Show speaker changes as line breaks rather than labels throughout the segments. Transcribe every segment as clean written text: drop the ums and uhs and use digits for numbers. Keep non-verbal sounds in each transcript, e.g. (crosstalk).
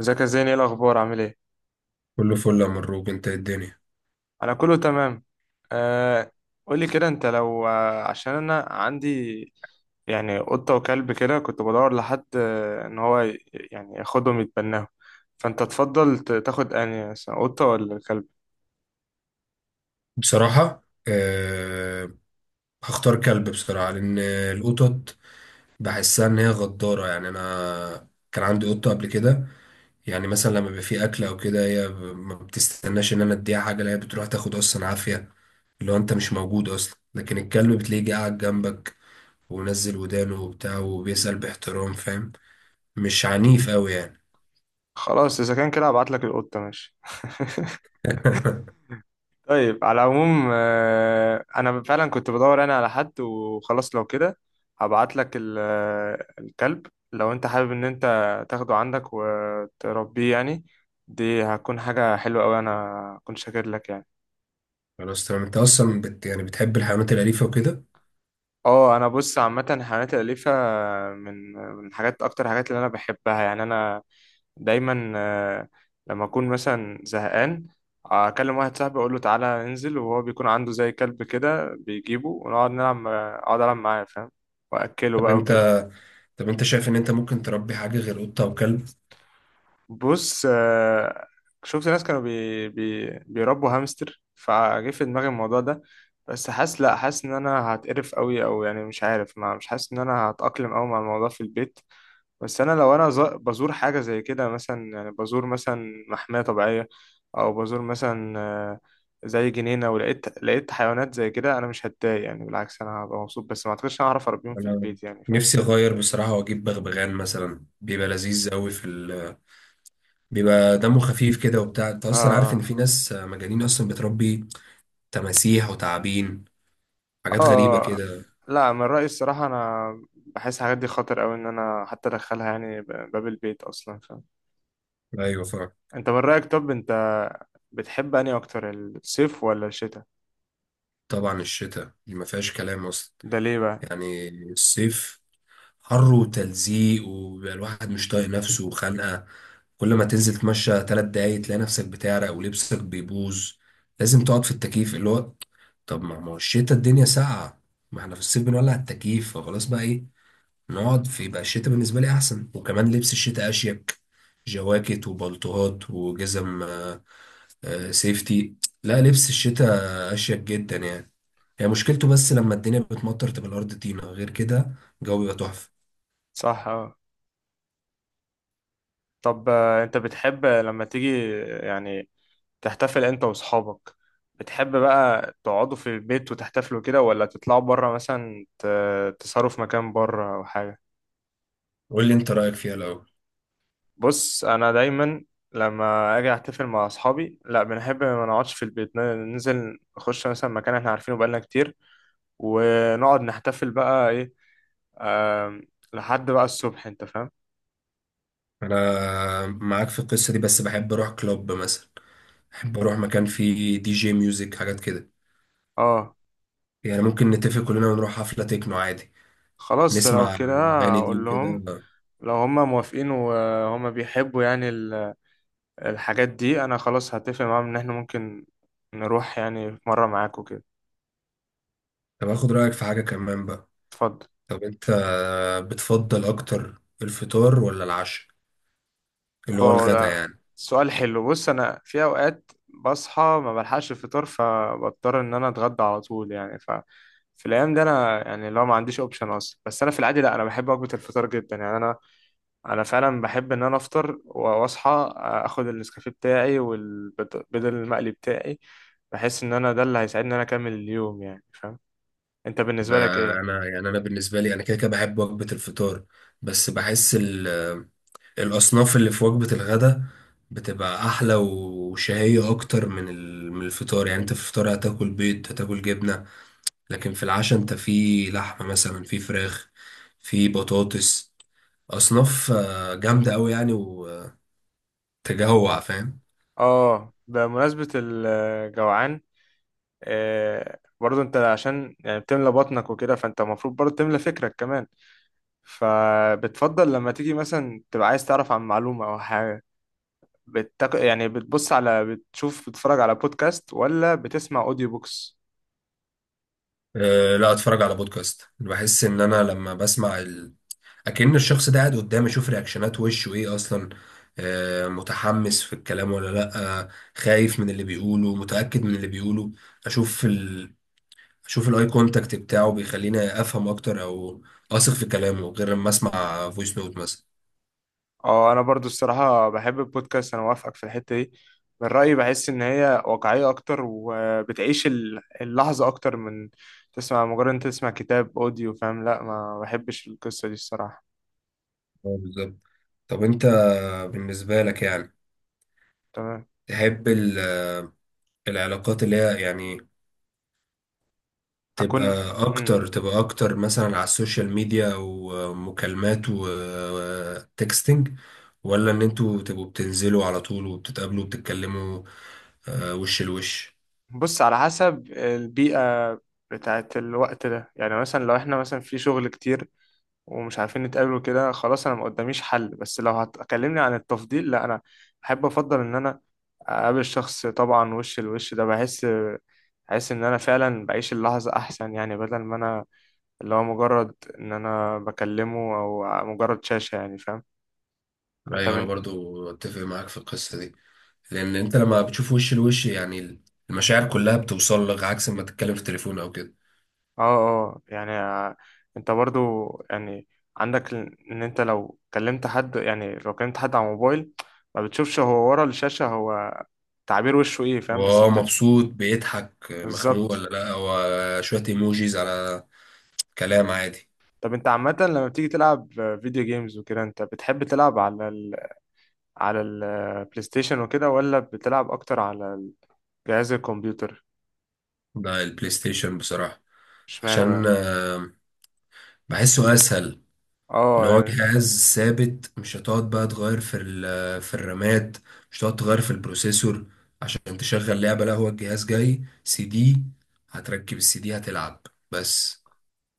ازيك يا زين، ايه الاخبار، عامل ايه؟
كله فل يا مروج، انت ايه الدنيا؟
انا كله تمام. آه، قولي كده، انت لو عشان انا عندي يعني قطة وكلب كده، كنت بدور لحد ان هو يعني ياخدهم يتبناهم. فانت تفضل تاخد انهي مثلا، قطة ولا كلب؟
بصراحة هختار كلب بصراحة، لأن القطط بحسها إن هي غدارة. يعني أنا كان عندي قطة قبل كده، يعني مثلا لما بيبقى في أكل أو كده هي ما بتستناش إن أنا أديها حاجة، لا هي بتروح تاخد أصلا عافية، اللي هو أنت مش موجود أصلا. لكن الكلب بتلاقيه قاعد جنبك ونزل ودانه وبتاع، وبيسأل باحترام، فاهم؟ مش عنيف أوي يعني.
خلاص، اذا كان كده هبعت لك القطة، ماشي. طيب على العموم انا فعلا كنت بدور انا على حد، وخلاص لو كده هبعت لك الكلب، لو انت حابب ان انت تاخده عندك وتربيه يعني. دي هتكون حاجة حلوة قوي، انا كنت شاكر لك يعني.
خلاص تمام، أنت أصلا يعني بتحب الحيوانات الأليفة وكده.
اه، انا بص عامه الحيوانات الاليفه من حاجات، اكتر حاجات اللي انا بحبها يعني. انا دايما لما اكون مثلا زهقان اكلم واحد صاحبي، اقول له تعالى ننزل، وهو بيكون عنده زي كلب كده بيجيبه، ونقعد نلعب، اقعد العب معاه فاهم؟ واكله
طب
بقى وكده.
أنت طب انت شايف ان انت ممكن تربي حاجة غير قطة وكلب؟
بص شفت ناس كانوا بي بي بيربوا هامستر، فجه في دماغي الموضوع ده، بس حاسس، لا، حاسس ان انا هتقرف قوي، او يعني مش عارف، ما مش حاسس ان انا هتأقلم قوي مع الموضوع في البيت. بس انا لو انا بزور حاجه زي كده مثلا، يعني بزور مثلا محميه طبيعيه، او بزور مثلا زي جنينه، ولقيت حيوانات زي كده، انا مش هتضايق يعني، بالعكس انا هبقى مبسوط، بس ما اعتقدش انا هعرف اربيهم في
انا
البيت يعني فاهم؟
نفسي اغير بصراحة واجيب بغبغان مثلا، بيبقى لذيذ قوي في (laughs) بيبقى دمه خفيف كده وبتاع. انت اصلا عارف ان
اه،
في ناس مجانين اصلا بتربي تماسيح وتعابين،
اه،
حاجات غريبة كده.
لا، من رايي الصراحه انا بحس الحاجات دي خطر قوي ان انا حتى ادخلها يعني باب البيت اصلا فاهم؟
ايوه فعلا.
انت من رايك، طب انت بتحب انهي اكتر، الصيف ولا الشتاء؟
طبعا الشتاء، دي ما فيهاش كلام اصلا.
ده ليه بقى؟
يعني الصيف حر وتلزيق، وبيبقى الواحد مش طايق نفسه وخانقة. كل ما تنزل تمشى 3 دقايق تلاقي نفسك بتعرق ولبسك بيبوظ، لازم تقعد في التكييف، اللي هو طب ما هو الشتا الدنيا ساقعة، ما احنا في الصيف بنولع التكييف فخلاص، بقى ايه نقعد في؟ يبقى الشتا بالنسبة لي أحسن، وكمان لبس الشتا أشيك، جواكت وبلطوهات وجزم، سيفتي. لا لبس الشتا أشيك جدا يعني. هي مشكلته بس لما الدنيا بتمطر تبقى الأرض طينة، غير كده الجو بيبقى تحفة.
صح، اه. طب انت بتحب لما تيجي يعني تحتفل انت واصحابك، بتحب بقى تقعدوا في البيت وتحتفلوا كده، ولا تطلعوا بره مثلا تسهروا في مكان بره او حاجة؟
قول لي انت رأيك فيها الأول.
بص انا دايما لما اجي احتفل مع اصحابي، لا بنحب ما نقعدش في البيت، ننزل نخش مثلا مكان احنا عارفينه بقالنا كتير، ونقعد نحتفل بقى ايه، آم، لحد بقى الصبح انت فاهم؟
انا معاك في القصة دي، بس بحب اروح كلوب مثلا، بحب اروح مكان فيه دي جي ميوزك، حاجات كده.
اه،
يعني ممكن نتفق كلنا ونروح حفلة تكنو عادي،
خلاص لو
نسمع
كده
الاغاني دي
هقول لهم،
وكده.
لو هما موافقين وهما بيحبوا يعني الحاجات دي انا خلاص هتفق معاهم ان احنا ممكن نروح يعني في مرة معاكوا كده.
طب اخد رأيك في حاجة كمان بقى.
اتفضل.
طب انت بتفضل اكتر الفطار ولا العشاء، اللي هو
اه،
الغدا
ده
يعني؟
سؤال حلو. بص انا في اوقات بصحى ما بلحقش الفطار، فبضطر ان انا اتغدى على طول يعني. ف في الايام دي انا يعني لو ما عنديش اوبشن اصلا، بس انا في العادي لا، انا بحب وجبة الفطار جدا يعني. انا فعلا بحب ان انا افطر واصحى، اخد النسكافيه بتاعي والبيض المقلي بتاعي. بحس ان انا ده اللي هيساعدني ان انا اكمل اليوم يعني فاهم؟ انت
ب-
بالنسبه لك ايه؟
انا بالنسبة لي انا كده كده بحب وجبة الفطار، بس بحس الأصناف اللي في وجبة الغداء بتبقى أحلى وشهية أكتر من من الفطار، يعني أنت في الفطار هتاكل بيض، هتاكل جبنة، لكن في العشاء أنت في لحمة مثلا، في فراخ، في بطاطس، أصناف جامدة أوي يعني، وتجوع، فاهم؟
اه، بمناسبه الجوعان برضه انت عشان يعني بتملى بطنك وكده، فانت المفروض برضه تملى فكرك كمان. فبتفضل لما تيجي مثلا تبقى عايز تعرف عن معلومه او حاجه، يعني بتبص على، بتشوف، بتتفرج على بودكاست، ولا بتسمع اوديو بوكس؟
أه لا، أتفرج على بودكاست، بحس إن أنا لما بسمع اكن الشخص ده قاعد قدامي، اشوف رياكشنات وشه ايه اصلا، متحمس في الكلام ولا لا، خايف من اللي بيقوله، متأكد من اللي بيقوله. اشوف اشوف الاي كونتاكت بتاعه، بيخليني افهم اكتر، او اثق في كلامه، غير لما اسمع فويس نوت مثلا.
اه، انا برضو الصراحه بحب البودكاست، انا موافقك في الحته دي. من رايي بحس ان هي واقعيه اكتر، وبتعيش اللحظه اكتر من تسمع، مجرد انت تسمع كتاب اوديو فاهم، لا ما بحبش القصه دي الصراحه.
بالظبط. طب انت بالنسبة لك يعني،
تمام.
تحب العلاقات اللي هي يعني تبقى
اكون، مم.
اكتر مثلا على السوشيال ميديا ومكالمات وتكستنج، ولا ان انتوا تبقوا بتنزلوا على طول وبتتقابلوا وبتتكلموا، وش لوش؟
بص على حسب البيئه بتاعت الوقت ده، يعني مثلا لو احنا مثلا في شغل كتير ومش عارفين نتقابل وكده، خلاص انا ما قداميش حل. بس لو هتكلمني عن التفضيل، لا انا بحب افضل ان انا اقابل الشخص طبعا وش الوش، ده بحس، بحس ان انا فعلا بعيش اللحظة احسن يعني، بدل ما انا اللي هو مجرد ان انا بكلمه، او مجرد شاشة يعني فاهم؟ انت
ايوه انا
من،
برضو اتفق معاك في القصه دي، لان انت لما بتشوف وش لوش يعني المشاعر كلها بتوصل لك، عكس ما تتكلم في التليفون او كده.
اه اه يعني انت برضو يعني عندك ان انت لو كلمت حد، يعني لو كلمت حد على موبايل ما بتشوفش هو ورا الشاشة، هو تعبير وشه ايه
هو
فاهم؟ بس انت
مبسوط، بيضحك، مخنوق
بالظبط.
ولا لا، هو شويه ايموجيز على كلام عادي.
طب انت عامة لما بتيجي تلعب فيديو جيمز وكده، انت بتحب تلعب على، على البلاي ستيشن وكده، ولا بتلعب اكتر على جهاز الكمبيوتر؟
ده البلاي ستيشن بصراحه،
اشمعنى
عشان
بقى؟
بحسه اسهل، ان هو
اه،
جهاز ثابت، مش هتقعد بقى تغير في في الرامات، مش هتقعد تغير في البروسيسور عشان تشغل لعبة، لا هو الجهاز جاي سي دي، هتركب السي دي هتلعب بس.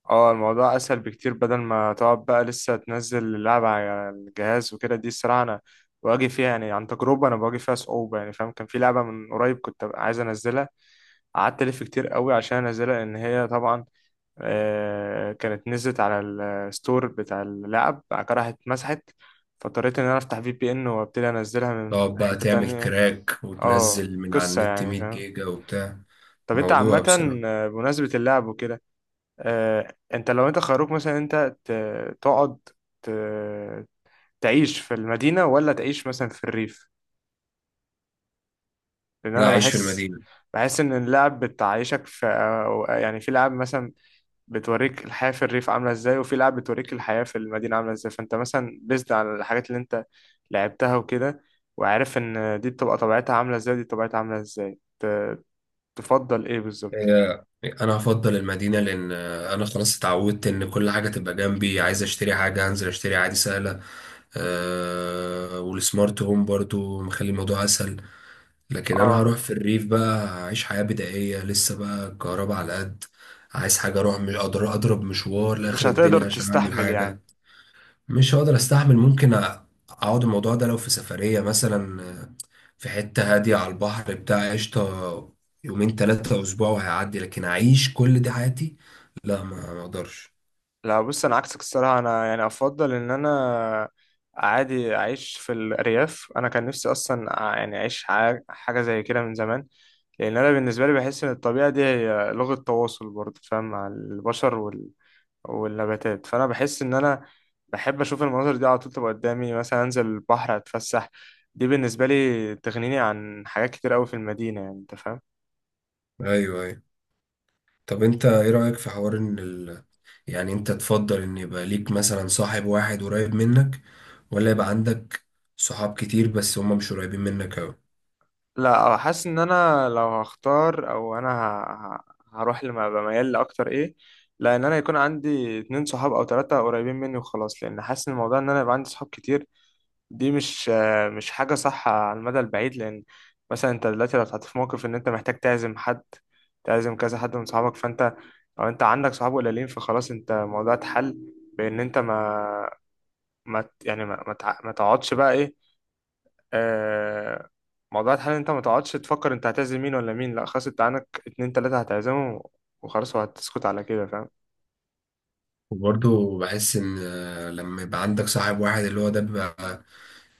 اه، الموضوع اسهل بكتير، بدل ما تقعد بقى لسه تنزل اللعبة على الجهاز وكده، دي الصراحة انا بواجه فيها يعني عن تجربة، انا بواجه فيها صعوبة يعني فاهم؟ كان في لعبة من قريب كنت عايز انزلها، قعدت الف كتير قوي عشان انزلها، لان هي طبعا كانت نزلت على الستور بتاع اللعب، بعد كده راحت اتمسحت، فاضطريت ان انا افتح في بي ان وابتدي انزلها من
تقعد بقى
حتة
تعمل
تانية.
كراك
اه،
وتنزل من على
قصة
النت
يعني
100
فاهم.
جيجا وبتاع،
طب انت
موضوع
عامة
بصراحة.
بمناسبة اللعب وكده، انت لو انت خيروك مثلا انت تقعد ت- تعيش في المدينة ولا تعيش مثلا في الريف؟ لان
لا،
انا
عيش في
بحس،
المدينة.
بحس ان اللعب بتعيشك في يعني في لعب مثلا بتوريك الحياة في الريف عاملة ازاي، وفي لعب بتوريك الحياة في المدينة عاملة ازاي، فانت مثلا بيزد على الحاجات اللي انت لعبتها وكده، وعارف ان دي بتبقى طبيعتها عاملة ازاي، دي طبيعتها عاملة ازاي، تفضل ايه بالظبط؟
هي انا هفضل المدينه، لان انا خلاص اتعودت ان كل حاجه تبقى جنبي، عايز اشتري حاجه هنزل اشتري عادي، سهله. أه والسمارت هوم برضو مخلي الموضوع اسهل. لكن انا هروح
اه،
في الريف بقى، هعيش حياه بدائيه، لسه بقى الكهرباء على قد عايز حاجه اروح، مش اقدر اضرب مشوار
مش
لاخر
هتقدر
الدنيا عشان اعمل
تستحمل
حاجه.
يعني.
مش هقدر استحمل. ممكن اقعد الموضوع ده لو في سفرية مثلا، في حتة هادية على البحر بتاع، قشطة، يومين 3 اسبوع وهيعدي، لكن اعيش كل دي حياتي لا، ما اقدرش.
لا بص، انا عكسك الصراحه انا يعني افضل ان انا عادي اعيش في الارياف. انا كان نفسي اصلا يعني اعيش حاجه زي كده من زمان، لان انا بالنسبه لي بحس ان الطبيعه دي هي لغه تواصل برضه فاهم، مع البشر والنباتات. فانا بحس ان انا بحب اشوف المناظر دي على طول تبقى قدامي، مثلا انزل البحر اتفسح. دي بالنسبه لي تغنيني عن حاجات كتير قوي في المدينه يعني انت فاهم؟
ايوه ايوه. طب انت ايه رأيك في حوار ان يعني انت تفضل ان يبقى ليك مثلا صاحب واحد قريب منك، ولا يبقى عندك صحاب كتير بس هما مش قريبين منك اوي؟
لا حاسس ان انا لو هختار، او انا هروح لما بميل لاكتر ايه، لان انا يكون عندي اتنين صحاب او تلاتة قريبين مني وخلاص، لان حاسس ان الموضوع ان انا يبقى عندي صحاب كتير دي مش حاجة صح على المدى البعيد، لان مثلا انت دلوقتي لو اتحطيت في موقف ان انت محتاج تعزم حد، تعزم كذا حد من صحابك، فانت لو انت عندك صحاب قليلين فخلاص انت الموضوع اتحل، بان انت ما ما ت- يعني ما تقعدش بقى ايه آه، موضوع الحل، إن انت ما تقعدش تفكر انت هتعزم مين ولا مين، لا خلاص انت عندك اتنين تلاتة هتعزمهم وخلاص، وهتسكت على كده فاهم.
وبرضه بحس ان لما يبقى عندك صاحب واحد، اللي هو ده بيبقى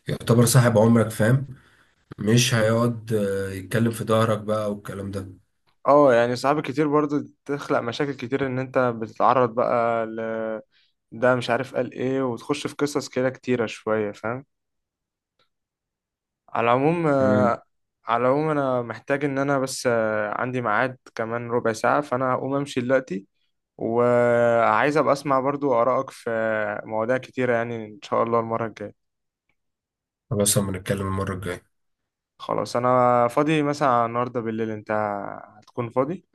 يعتبر صاحب عمرك، فاهم؟ مش هيقعد يتكلم في ظهرك بقى والكلام ده.
اه يعني صعب كتير برضو، تخلق مشاكل كتير ان انت بتتعرض بقى ل، ده مش عارف قال ايه، وتخش في قصص كده كتيرة شوية فاهم. على العموم
امم.
على العموم انا محتاج ان انا بس عندي ميعاد كمان ربع ساعة، فانا هقوم امشي دلوقتي، وعايز ابقى اسمع برضو آرائك في مواضيع كتيرة يعني ان شاء الله المرة الجاية.
خلاص اما نتكلم المرة الجاية.
خلاص، انا فاضي مثلا على النهارده بالليل، انت هتكون فاضي؟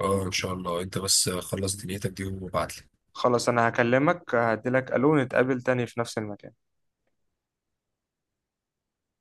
اه ان شاء الله، انت بس خلص دنيتك دي وابعتلي.
خلاص انا هكلمك، هديلك الو نتقابل تاني في نفس المكان.